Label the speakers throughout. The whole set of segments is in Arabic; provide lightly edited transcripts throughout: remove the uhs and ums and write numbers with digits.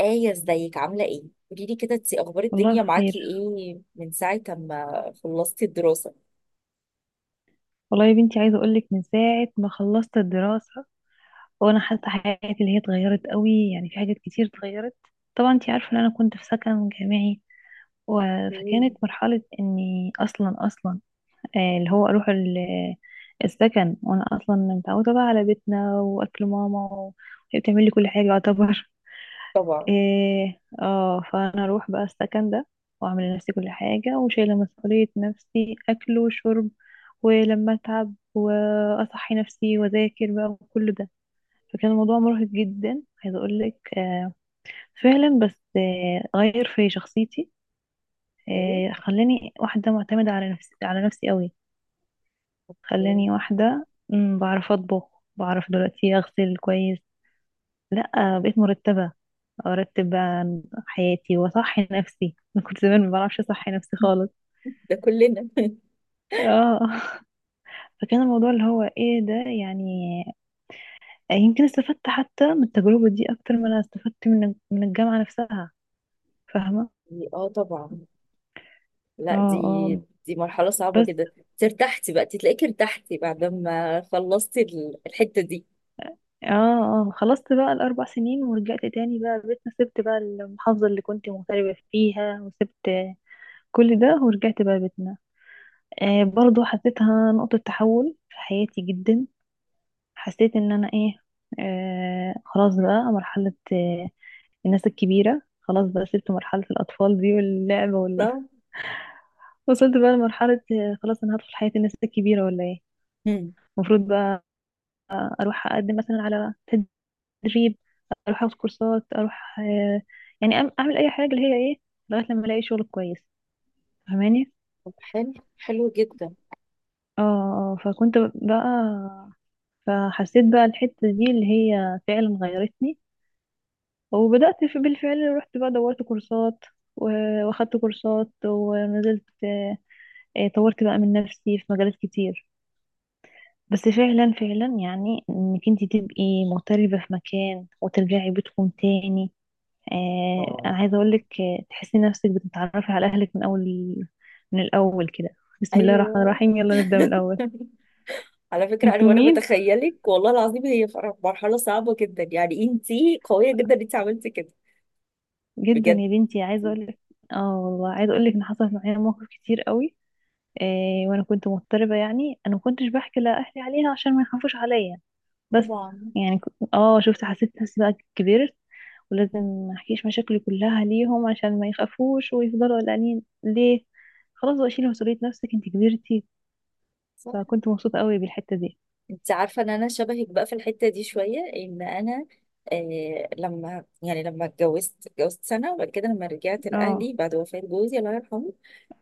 Speaker 1: آية، ازيك؟ عاملة ايه؟ قولي لي كده، انتي اخبار
Speaker 2: والله
Speaker 1: الدنيا معاكي
Speaker 2: بخير.
Speaker 1: ايه من ساعة ما خلصتي الدراسة؟
Speaker 2: والله يا بنتي، عايزه اقول لك من ساعه ما خلصت الدراسه، وانا حاسه حياتي اللي هي اتغيرت قوي. يعني في حاجات كتير اتغيرت. طبعا انت عارفه ان انا كنت في سكن جامعي. فكانت
Speaker 1: مم.
Speaker 2: مرحله اني اصلا اصلا اللي هو اروح السكن، وانا اصلا متعوده بقى على بيتنا واكل ماما وهي بتعمل لي كل حاجه يعتبر.
Speaker 1: طبعا.
Speaker 2: إيه اه فانا اروح بقى السكن ده، واعمل لنفسي كل حاجة، وشايلة مسؤولية نفسي اكل وشرب، ولما اتعب واصحي نفسي واذاكر بقى وكل ده. فكان الموضوع مرهق جدا، عايزة اقول لك فعلا. بس غير في شخصيتي،
Speaker 1: اوكي.
Speaker 2: خلاني واحدة معتمدة على نفسي، على نفسي قوي.
Speaker 1: اوكي.
Speaker 2: خلاني واحدة بعرف اطبخ، بعرف دلوقتي اغسل كويس. لا، بقيت مرتبة، ارتب بقى حياتي واصحي نفسي. انا كنت زمان ما بعرفش اصحي نفسي خالص.
Speaker 1: ده كلنا.
Speaker 2: اه. فكان الموضوع اللي هو ايه ده يعني. يمكن استفدت حتى من التجربة دي اكتر ما انا استفدت من الجامعة نفسها. فاهمة؟
Speaker 1: اه طبعا.
Speaker 2: اه.
Speaker 1: لا، دي
Speaker 2: اه.
Speaker 1: دي مرحلة صعبة
Speaker 2: بس
Speaker 1: جدا. انت ارتحتي بقى؟ انت تلاقيكي ارتحتي بعد ما خلصتي الحتة دي؟
Speaker 2: اه اه خلصت بقى ال4 سنين، ورجعت تاني بقى بيتنا، سبت بقى المحافظة اللي كنت مغتربة فيها، وسبت كل ده ورجعت بقى بيتنا. آه، برضو حسيتها نقطة تحول في حياتي جدا. حسيت ان انا ايه، خلاص بقى مرحلة الناس الكبيرة. خلاص بقى سبت مرحلة الأطفال دي واللعب
Speaker 1: صح؟
Speaker 2: وصلت بقى لمرحلة، خلاص أنا هدخل حياة الناس الكبيرة ولا إيه.
Speaker 1: مم.
Speaker 2: المفروض بقى أروح أقدم مثلا على تدريب، أروح أخد كورسات، أروح يعني أعمل أي حاجة اللي هي لغاية لما ألاقي شغل كويس. فاهماني؟
Speaker 1: طب حلو، حلو جدا.
Speaker 2: اه فكنت بقى، فحسيت بقى الحتة دي اللي هي فعلا غيرتني. وبدأت، في بالفعل رحت بقى دورت كورسات واخدت كورسات، ونزلت، طورت بقى من نفسي في مجالات كتير. بس فعلا فعلا يعني انك انت تبقي مغتربة في مكان وترجعي بيتكم تاني، انا
Speaker 1: آه.
Speaker 2: عايزة اقولك تحسي نفسك بتتعرفي على اهلك من اول، من الاول كده. بسم الله الرحمن
Speaker 1: ايوه.
Speaker 2: الرحيم، يلا نبدأ من الاول.
Speaker 1: على فكرة انا
Speaker 2: انتوا
Speaker 1: وانا
Speaker 2: مين؟
Speaker 1: بتخيلك والله العظيم، هي مرحلة صعبة جدا. يعني انتي قوية جدا انت عملتي كده
Speaker 2: جدا
Speaker 1: بجد.
Speaker 2: يا بنتي عايزة اقولك، اه، والله عايزة اقولك ان حصلت معايا مواقف كتير قوي. وانا كنت مضطربة. يعني انا ما كنتش بحكي لاهلي عليها عشان ما يخافوش عليا. بس
Speaker 1: طبعا.
Speaker 2: يعني اه شفت حسيت نفسي بقى كبرت، ولازم ما احكيش مشاكلي كلها ليهم عشان ما يخافوش ويفضلوا قلقانين ليه. خلاص بقى شيلي مسؤولية نفسك، انت كبرتي.
Speaker 1: صح.
Speaker 2: فكنت مبسوطة قوي بالحتة دي.
Speaker 1: انت عارفه ان انا شبهك بقى في الحته دي شويه، ان انا آه، لما يعني لما اتجوزت، اتجوزت سنه وبعد كده لما رجعت
Speaker 2: اه.
Speaker 1: لاهلي بعد وفاه جوزي الله يرحمه،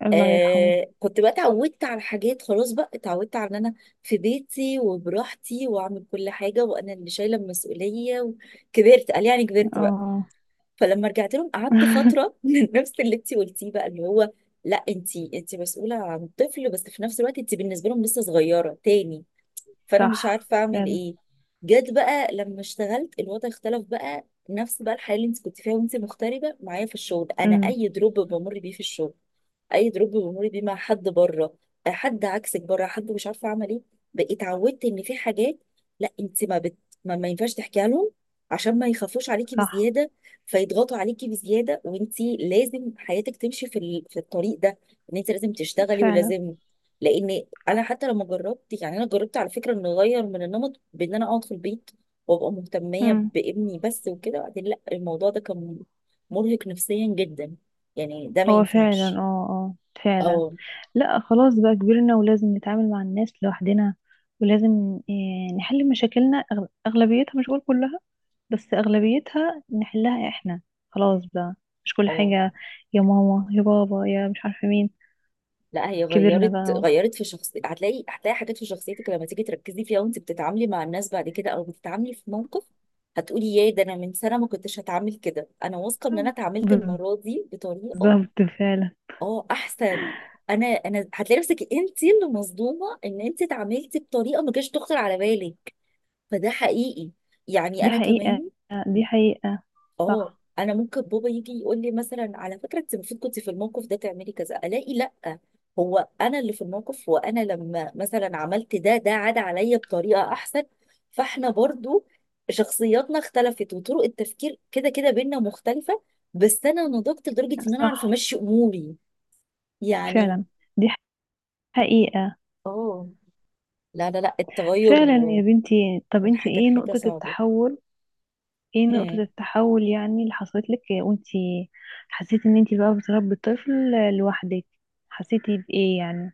Speaker 2: الله يرحمه.
Speaker 1: آه كنت بقى اتعودت على حاجات. خلاص بقى اتعودت على ان انا في بيتي وبراحتي واعمل كل حاجه، وانا اللي شايله المسؤوليه وكبرت. قال يعني كبرت بقى.
Speaker 2: اه.
Speaker 1: فلما رجعت لهم قعدت فتره من نفس اللي انت قلتيه بقى، اللي هو لا انت، انت مسؤوله عن طفل بس في نفس الوقت انت بالنسبه لهم لسه صغيره تاني. فانا مش
Speaker 2: صح
Speaker 1: عارفه اعمل
Speaker 2: فعلا.
Speaker 1: ايه. جت بقى لما اشتغلت، الوضع اختلف بقى. نفس بقى الحياه اللي انت كنت فيها وانت مغتربه، معايا في الشغل انا
Speaker 2: امم.
Speaker 1: اي دروب بمر بيه في الشغل، اي دروب بمر بيه مع حد بره، حد عكسك بره، حد مش عارفه اعمل ايه. بقيت اتعودت ان في حاجات لا انت ما بت، ما ينفعش تحكيها لهم عشان ما يخافوش عليكي
Speaker 2: صح
Speaker 1: بزياده، فيضغطوا عليكي بزياده، وانت لازم حياتك تمشي في في الطريق ده، ان انت لازم تشتغلي
Speaker 2: فعلا.
Speaker 1: ولازم. لان انا حتى لما جربت، يعني انا جربت على فكره ان اغير من النمط بان انا اقعد في البيت وابقى مهتميه
Speaker 2: امم.
Speaker 1: بابني بس، وكده بعدين لا، الموضوع ده كان مرهق نفسيا جدا. يعني ده ما
Speaker 2: هو فعلا
Speaker 1: ينفعش.
Speaker 2: اه. اه. فعلا.
Speaker 1: اه.
Speaker 2: لا خلاص بقى كبرنا ولازم نتعامل مع الناس لوحدنا، ولازم نحل مشاكلنا، أغلبيتها، مش بقول كلها بس أغلبيتها نحلها احنا. خلاص بقى، مش كل
Speaker 1: اه.
Speaker 2: حاجة يا ماما يا بابا يا مش عارفة مين.
Speaker 1: لا هي
Speaker 2: كبرنا
Speaker 1: غيرت،
Speaker 2: بقى.
Speaker 1: غيرت في شخصيتي. هتلاقي، هتلاقي حاجات في شخصيتك لما تيجي تركزي فيها وانت بتتعاملي مع الناس بعد كده، او بتتعاملي في موقف، هتقولي يا ده انا من سنه ما كنتش هتعامل كده، انا واثقه ان انا اتعاملت المره دي بطريقه
Speaker 2: بالظبط فعلا.
Speaker 1: اه احسن. انا هتلاقي نفسك انت اللي مصدومه ان انت اتعاملتي بطريقه ما كانتش تخطر على بالك، فده حقيقي. يعني
Speaker 2: دي
Speaker 1: انا
Speaker 2: حقيقة.
Speaker 1: كمان
Speaker 2: دي حقيقة.
Speaker 1: اه،
Speaker 2: صح.
Speaker 1: انا ممكن بابا يجي يقول لي مثلا على فكره انت المفروض كنت في الموقف ده تعملي كذا، الاقي لا، هو انا اللي في الموقف، وانا لما مثلا عملت ده، ده عاد عليا بطريقه احسن. فاحنا برضو شخصياتنا اختلفت، وطرق التفكير كده كده بينا مختلفه، بس انا نضجت لدرجه ان انا اعرف
Speaker 2: صح
Speaker 1: امشي اموري يعني.
Speaker 2: فعلا. دي حقيقة.
Speaker 1: اه. لا التغير
Speaker 2: فعلا يا بنتي، طب
Speaker 1: من
Speaker 2: انت
Speaker 1: حاجة
Speaker 2: ايه
Speaker 1: لحاجة
Speaker 2: نقطة
Speaker 1: صعبة.
Speaker 2: التحول؟ ايه نقطة
Speaker 1: هم.
Speaker 2: التحول يعني اللي حصلت لك وانت حسيتي ان انتي بقى بتربي طفل لوحدك؟ حسيتي بايه يعني؟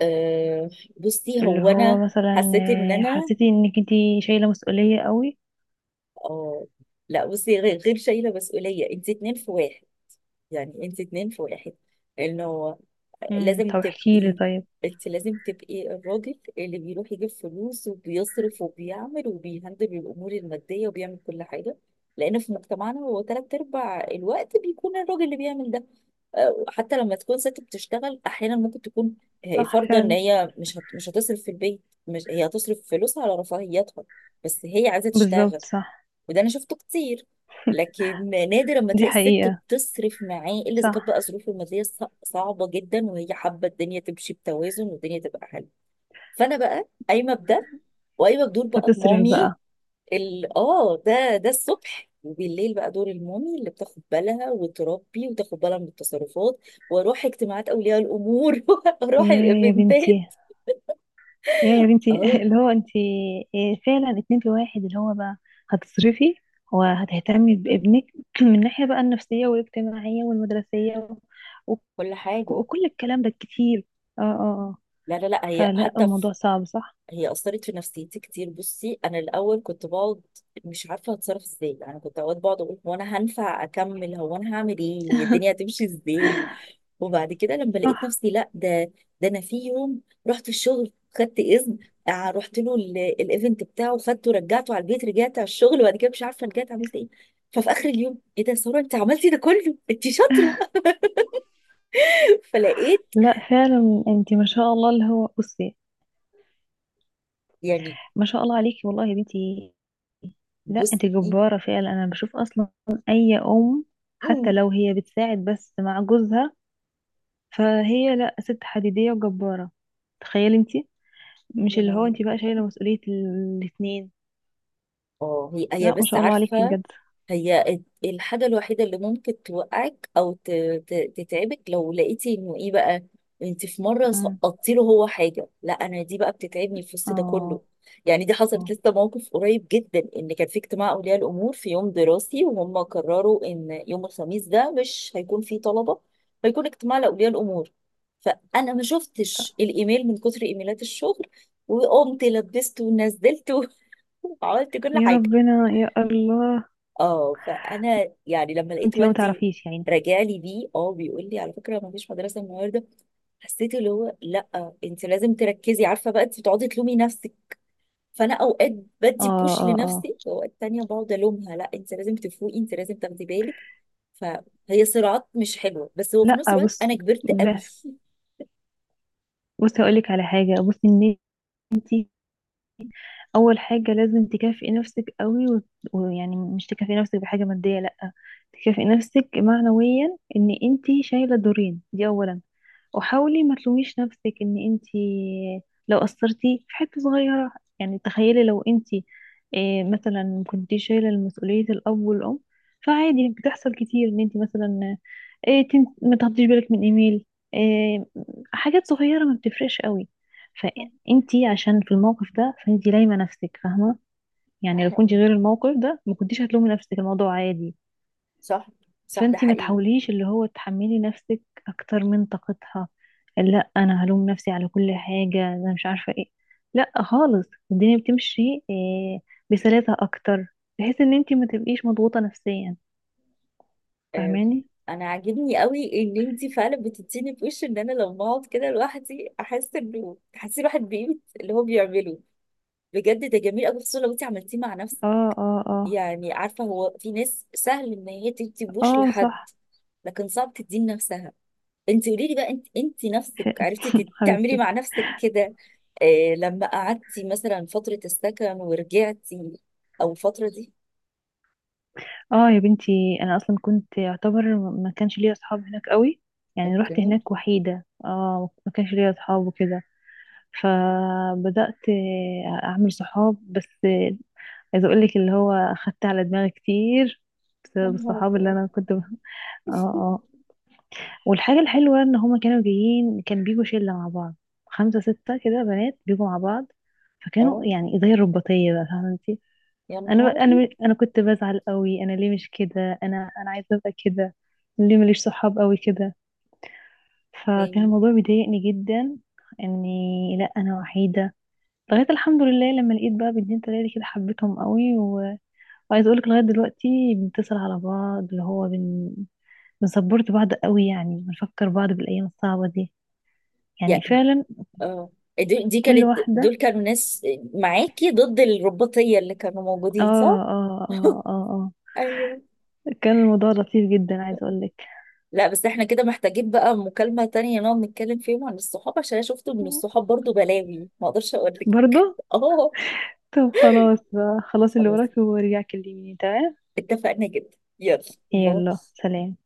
Speaker 1: أه. بصي
Speaker 2: اللي
Speaker 1: هو انا
Speaker 2: هو مثلا
Speaker 1: حسيت ان انا
Speaker 2: حسيتي انك انتي شايلة مسؤولية قوي.
Speaker 1: اه، لا بصي، غير غير شايلة مسؤولية، انت اتنين في واحد. يعني انت اتنين في واحد، انه
Speaker 2: امم،
Speaker 1: لازم
Speaker 2: طب احكيلي
Speaker 1: تبقي،
Speaker 2: طيب.
Speaker 1: انت لازم تبقي الراجل اللي بيروح يجيب فلوس وبيصرف وبيعمل وبيهندل الامور الماديه وبيعمل كل حاجه، لان في مجتمعنا هو تلات ارباع الوقت بيكون الراجل اللي بيعمل ده. حتى لما تكون ست بتشتغل احيانا ممكن تكون هي
Speaker 2: صح
Speaker 1: فارضه ان
Speaker 2: فعلا.
Speaker 1: هي مش هتصرف في البيت، مش هي هتصرف فلوسها على رفاهيتها، بس هي عايزه
Speaker 2: بالظبط
Speaker 1: تشتغل.
Speaker 2: صح.
Speaker 1: وده انا شفته كتير. لكن نادر اما
Speaker 2: دي
Speaker 1: تلاقي الست
Speaker 2: حقيقة.
Speaker 1: بتصرف معاه الا اذا
Speaker 2: صح.
Speaker 1: كانت بقى ظروفه الماديه صعبه جدا وهي حابه الدنيا تمشي بتوازن والدنيا تبقى حلوه. فانا بقى قايمه بده، وقايمه بدور بقى
Speaker 2: فتصرف
Speaker 1: المامي.
Speaker 2: بقى.
Speaker 1: ال اه ده ده الصبح، وبالليل بقى دور المامي اللي بتاخد بالها وتربي وتاخد بالها من التصرفات، واروح اجتماعات اولياء الامور واروح
Speaker 2: يا يا
Speaker 1: الايفنتات.
Speaker 2: بنتي، يا يا بنتي.
Speaker 1: اه
Speaker 2: اللي هو انتي فعلا اتنين في واحد، اللي هو بقى هتصرفي وهتهتمي بابنك من ناحية بقى النفسية والاجتماعية والمدرسية وك-
Speaker 1: كل حاجه.
Speaker 2: وكل الكلام ده كتير. اه. اه. آه.
Speaker 1: لا هي
Speaker 2: فلا
Speaker 1: حتى،
Speaker 2: الموضوع صعب، صح.
Speaker 1: هي أثرت في نفسيتي كتير. بصي أنا الأول كنت بقعد مش عارفة هتصرف إزاي. يعني كنت أوقات بقعد أقول هو أنا هنفع أكمل؟ هو أنا هعمل إيه؟ الدنيا هتمشي إزاي؟ وبعد كده لما لقيت
Speaker 2: صح.
Speaker 1: نفسي لا، ده ده أنا في يوم رحت الشغل، خدت إذن، رحت له الإيفنت بتاعه، خدته رجعته على البيت، رجعت على الشغل وبعد كده مش عارفة رجعت عملت إيه. ففي آخر اليوم إيه ده يا سارة؟ أنت عملتي ده كله، أنت شاطرة. فلقيت
Speaker 2: لا فعلا انت ما شاء الله اللي هو بصي.
Speaker 1: يعني
Speaker 2: ما شاء الله عليكي والله يا بنتي. لا، انت
Speaker 1: بصي.
Speaker 2: جبارة فعلا، انا بشوف اصلا اي ام حتى
Speaker 1: مم.
Speaker 2: لو هي بتساعد بس مع جوزها فهي، لا، ست حديدية وجبارة. تخيلي انت، مش اللي هو انت بقى شايلة مسؤولية الاتنين.
Speaker 1: اه هي، هي
Speaker 2: لا ما
Speaker 1: بس
Speaker 2: شاء الله عليكي
Speaker 1: عارفة،
Speaker 2: بجد.
Speaker 1: هي الحاجة الوحيدة اللي ممكن توقعك أو تتعبك لو لقيتي إنه إيه بقى، أنت في مرة
Speaker 2: مم.
Speaker 1: سقطتي له هو حاجة، لا أنا دي بقى بتتعبني في وسط
Speaker 2: اه.
Speaker 1: ده كله. يعني دي حصلت
Speaker 2: آه.
Speaker 1: لسه، موقف قريب جدا إن كان في اجتماع أولياء الأمور في يوم دراسي، وهم قرروا إن يوم الخميس ده مش هيكون فيه طلبة، هيكون اجتماع لأولياء الأمور. فأنا ما شفتش الإيميل من كتر إيميلات الشغل، وقمت لبسته ونزلته وعملت كل
Speaker 2: يا
Speaker 1: حاجة.
Speaker 2: ربنا يا الله.
Speaker 1: اه فانا يعني لما لقيت
Speaker 2: وانت بقى ما
Speaker 1: والدي
Speaker 2: تعرفيش يعني.
Speaker 1: راجع لي بيه اه بيقول لي على فكره ما فيش مدرسه النهارده، حسيت اللي هو لا انت لازم تركزي. عارفه بقى انت بتقعدي تلومي نفسك. فانا اوقات
Speaker 2: اه.
Speaker 1: بدي بوش
Speaker 2: اه. اه.
Speaker 1: لنفسي، واوقات تانية بقعد الومها لا انت لازم تفوقي، انت لازم تاخدي بالك. فهي صراعات مش حلوه، بس هو في نفس
Speaker 2: لا
Speaker 1: الوقت
Speaker 2: بص،
Speaker 1: انا كبرت قوي.
Speaker 2: بصي هقولك على حاجة. بصي ان انتي اول حاجة لازم تكافئي نفسك قوي، ويعني مش تكافئي نفسك بحاجة مادية، لأ. تكافئي نفسك معنويا ان انتي شايلة دورين دي اولا. وحاولي ما تلوميش نفسك ان انت لو قصرتي في حته صغيره. يعني تخيلي لو انت مثلا كنتي شايله مسؤوليه الاب والام، فعادي بتحصل كتير ان انت مثلا إيه ما تاخديش بالك من ايميل، إيه حاجات صغيره ما بتفرقش قوي.
Speaker 1: صح
Speaker 2: فانت عشان في الموقف ده فانت لايمه نفسك، فاهمه؟
Speaker 1: ده
Speaker 2: يعني لو كنت
Speaker 1: حقيقي.
Speaker 2: غير الموقف ده ما كنتيش هتلومي نفسك، الموضوع عادي.
Speaker 1: صح. صح ده
Speaker 2: فانتي ما
Speaker 1: حقيقي.
Speaker 2: تحاوليش اللي هو تحملي نفسك اكتر من طاقتها، لا، انا هلوم نفسي على كل حاجة انا مش عارفة ايه. لا خالص، الدنيا بتمشي إيه بسلاسة اكتر، بحيث ان انتي ما تبقيش مضغوطة نفسيا.
Speaker 1: آه،
Speaker 2: فاهماني؟
Speaker 1: انا عاجبني قوي ان انتي فعلا بتديني في وش ان انا لما اقعد كده لوحدي احس انه تحسي الواحد بقيمه اللي هو بيعمله. بجد ده جميل قوي خصوصا لو انتي عملتيه مع نفسك.
Speaker 2: اه. اه. اه.
Speaker 1: يعني عارفه هو في ناس سهل ان هي تدي بوش
Speaker 2: اه.
Speaker 1: لحد،
Speaker 2: صح.
Speaker 1: لكن صعب تديه لنفسها. انتي قولي لي بقى انت، انتي نفسك عرفتي تعملي
Speaker 2: حبيبتي.
Speaker 1: مع نفسك كده لما قعدتي مثلا فتره السكن ورجعتي او الفتره دي؟
Speaker 2: اه يا بنتي، انا اصلا كنت يعتبر ما كانش ليا اصحاب هناك قوي. يعني رحت
Speaker 1: اوكي.
Speaker 2: هناك وحيدة، اه، ما كانش ليا اصحاب وكده. فبدأت اعمل صحاب. بس عايزه اقول لك اللي هو اخدت على دماغي كتير
Speaker 1: يا
Speaker 2: بسبب
Speaker 1: نهار
Speaker 2: الصحاب اللي
Speaker 1: أبيض.
Speaker 2: انا كنت. اه. اه. والحاجه الحلوه ان هما كانوا جايين، كان بيجوا شله مع بعض، 5 6 كده بنات بيجوا مع بعض. فكانوا
Speaker 1: اه
Speaker 2: يعني زي الرباطيه بقى، فاهمه انت.
Speaker 1: يا نهاري.
Speaker 2: انا كنت بزعل قوي، انا ليه مش كده، انا عايزه ابقى كده. ليه ماليش صحاب قوي كده؟ فكان
Speaker 1: يعني
Speaker 2: الموضوع بيضايقني جدا، اني لا، انا وحيده. لغايه الحمد لله لما لقيت بقى بنتين 3 كده، حبيتهم قوي. وعايزه اقولك لغايه دلوقتي بنتصل على بعض، اللي هو بنسبورت بعض قوي، يعني بنفكر بعض بالايام الصعبه دي، يعني فعلا
Speaker 1: اه دي دي
Speaker 2: كل
Speaker 1: كانت،
Speaker 2: واحده.
Speaker 1: دول كانوا ناس معاكي ضد الرباطية اللي كانوا
Speaker 2: اه.
Speaker 1: موجودين، صح؟
Speaker 2: اه. اه. اه.
Speaker 1: ايوه.
Speaker 2: اه. كان الموضوع لطيف جدا عايزه اقولك.
Speaker 1: لا بس احنا كده محتاجين بقى مكالمة تانية نقعد نتكلم فيهم عن الصحاب، عشان انا شفت ان الصحاب برضو بلاوي ما اقدرش اقول لك.
Speaker 2: برضه.
Speaker 1: اه.
Speaker 2: طب خلاص بقى، خلاص اللي
Speaker 1: خلاص
Speaker 2: وراك وارجع كلميني، تمام.
Speaker 1: اتفقنا، جدا، يلا، باي.
Speaker 2: يلا سلام.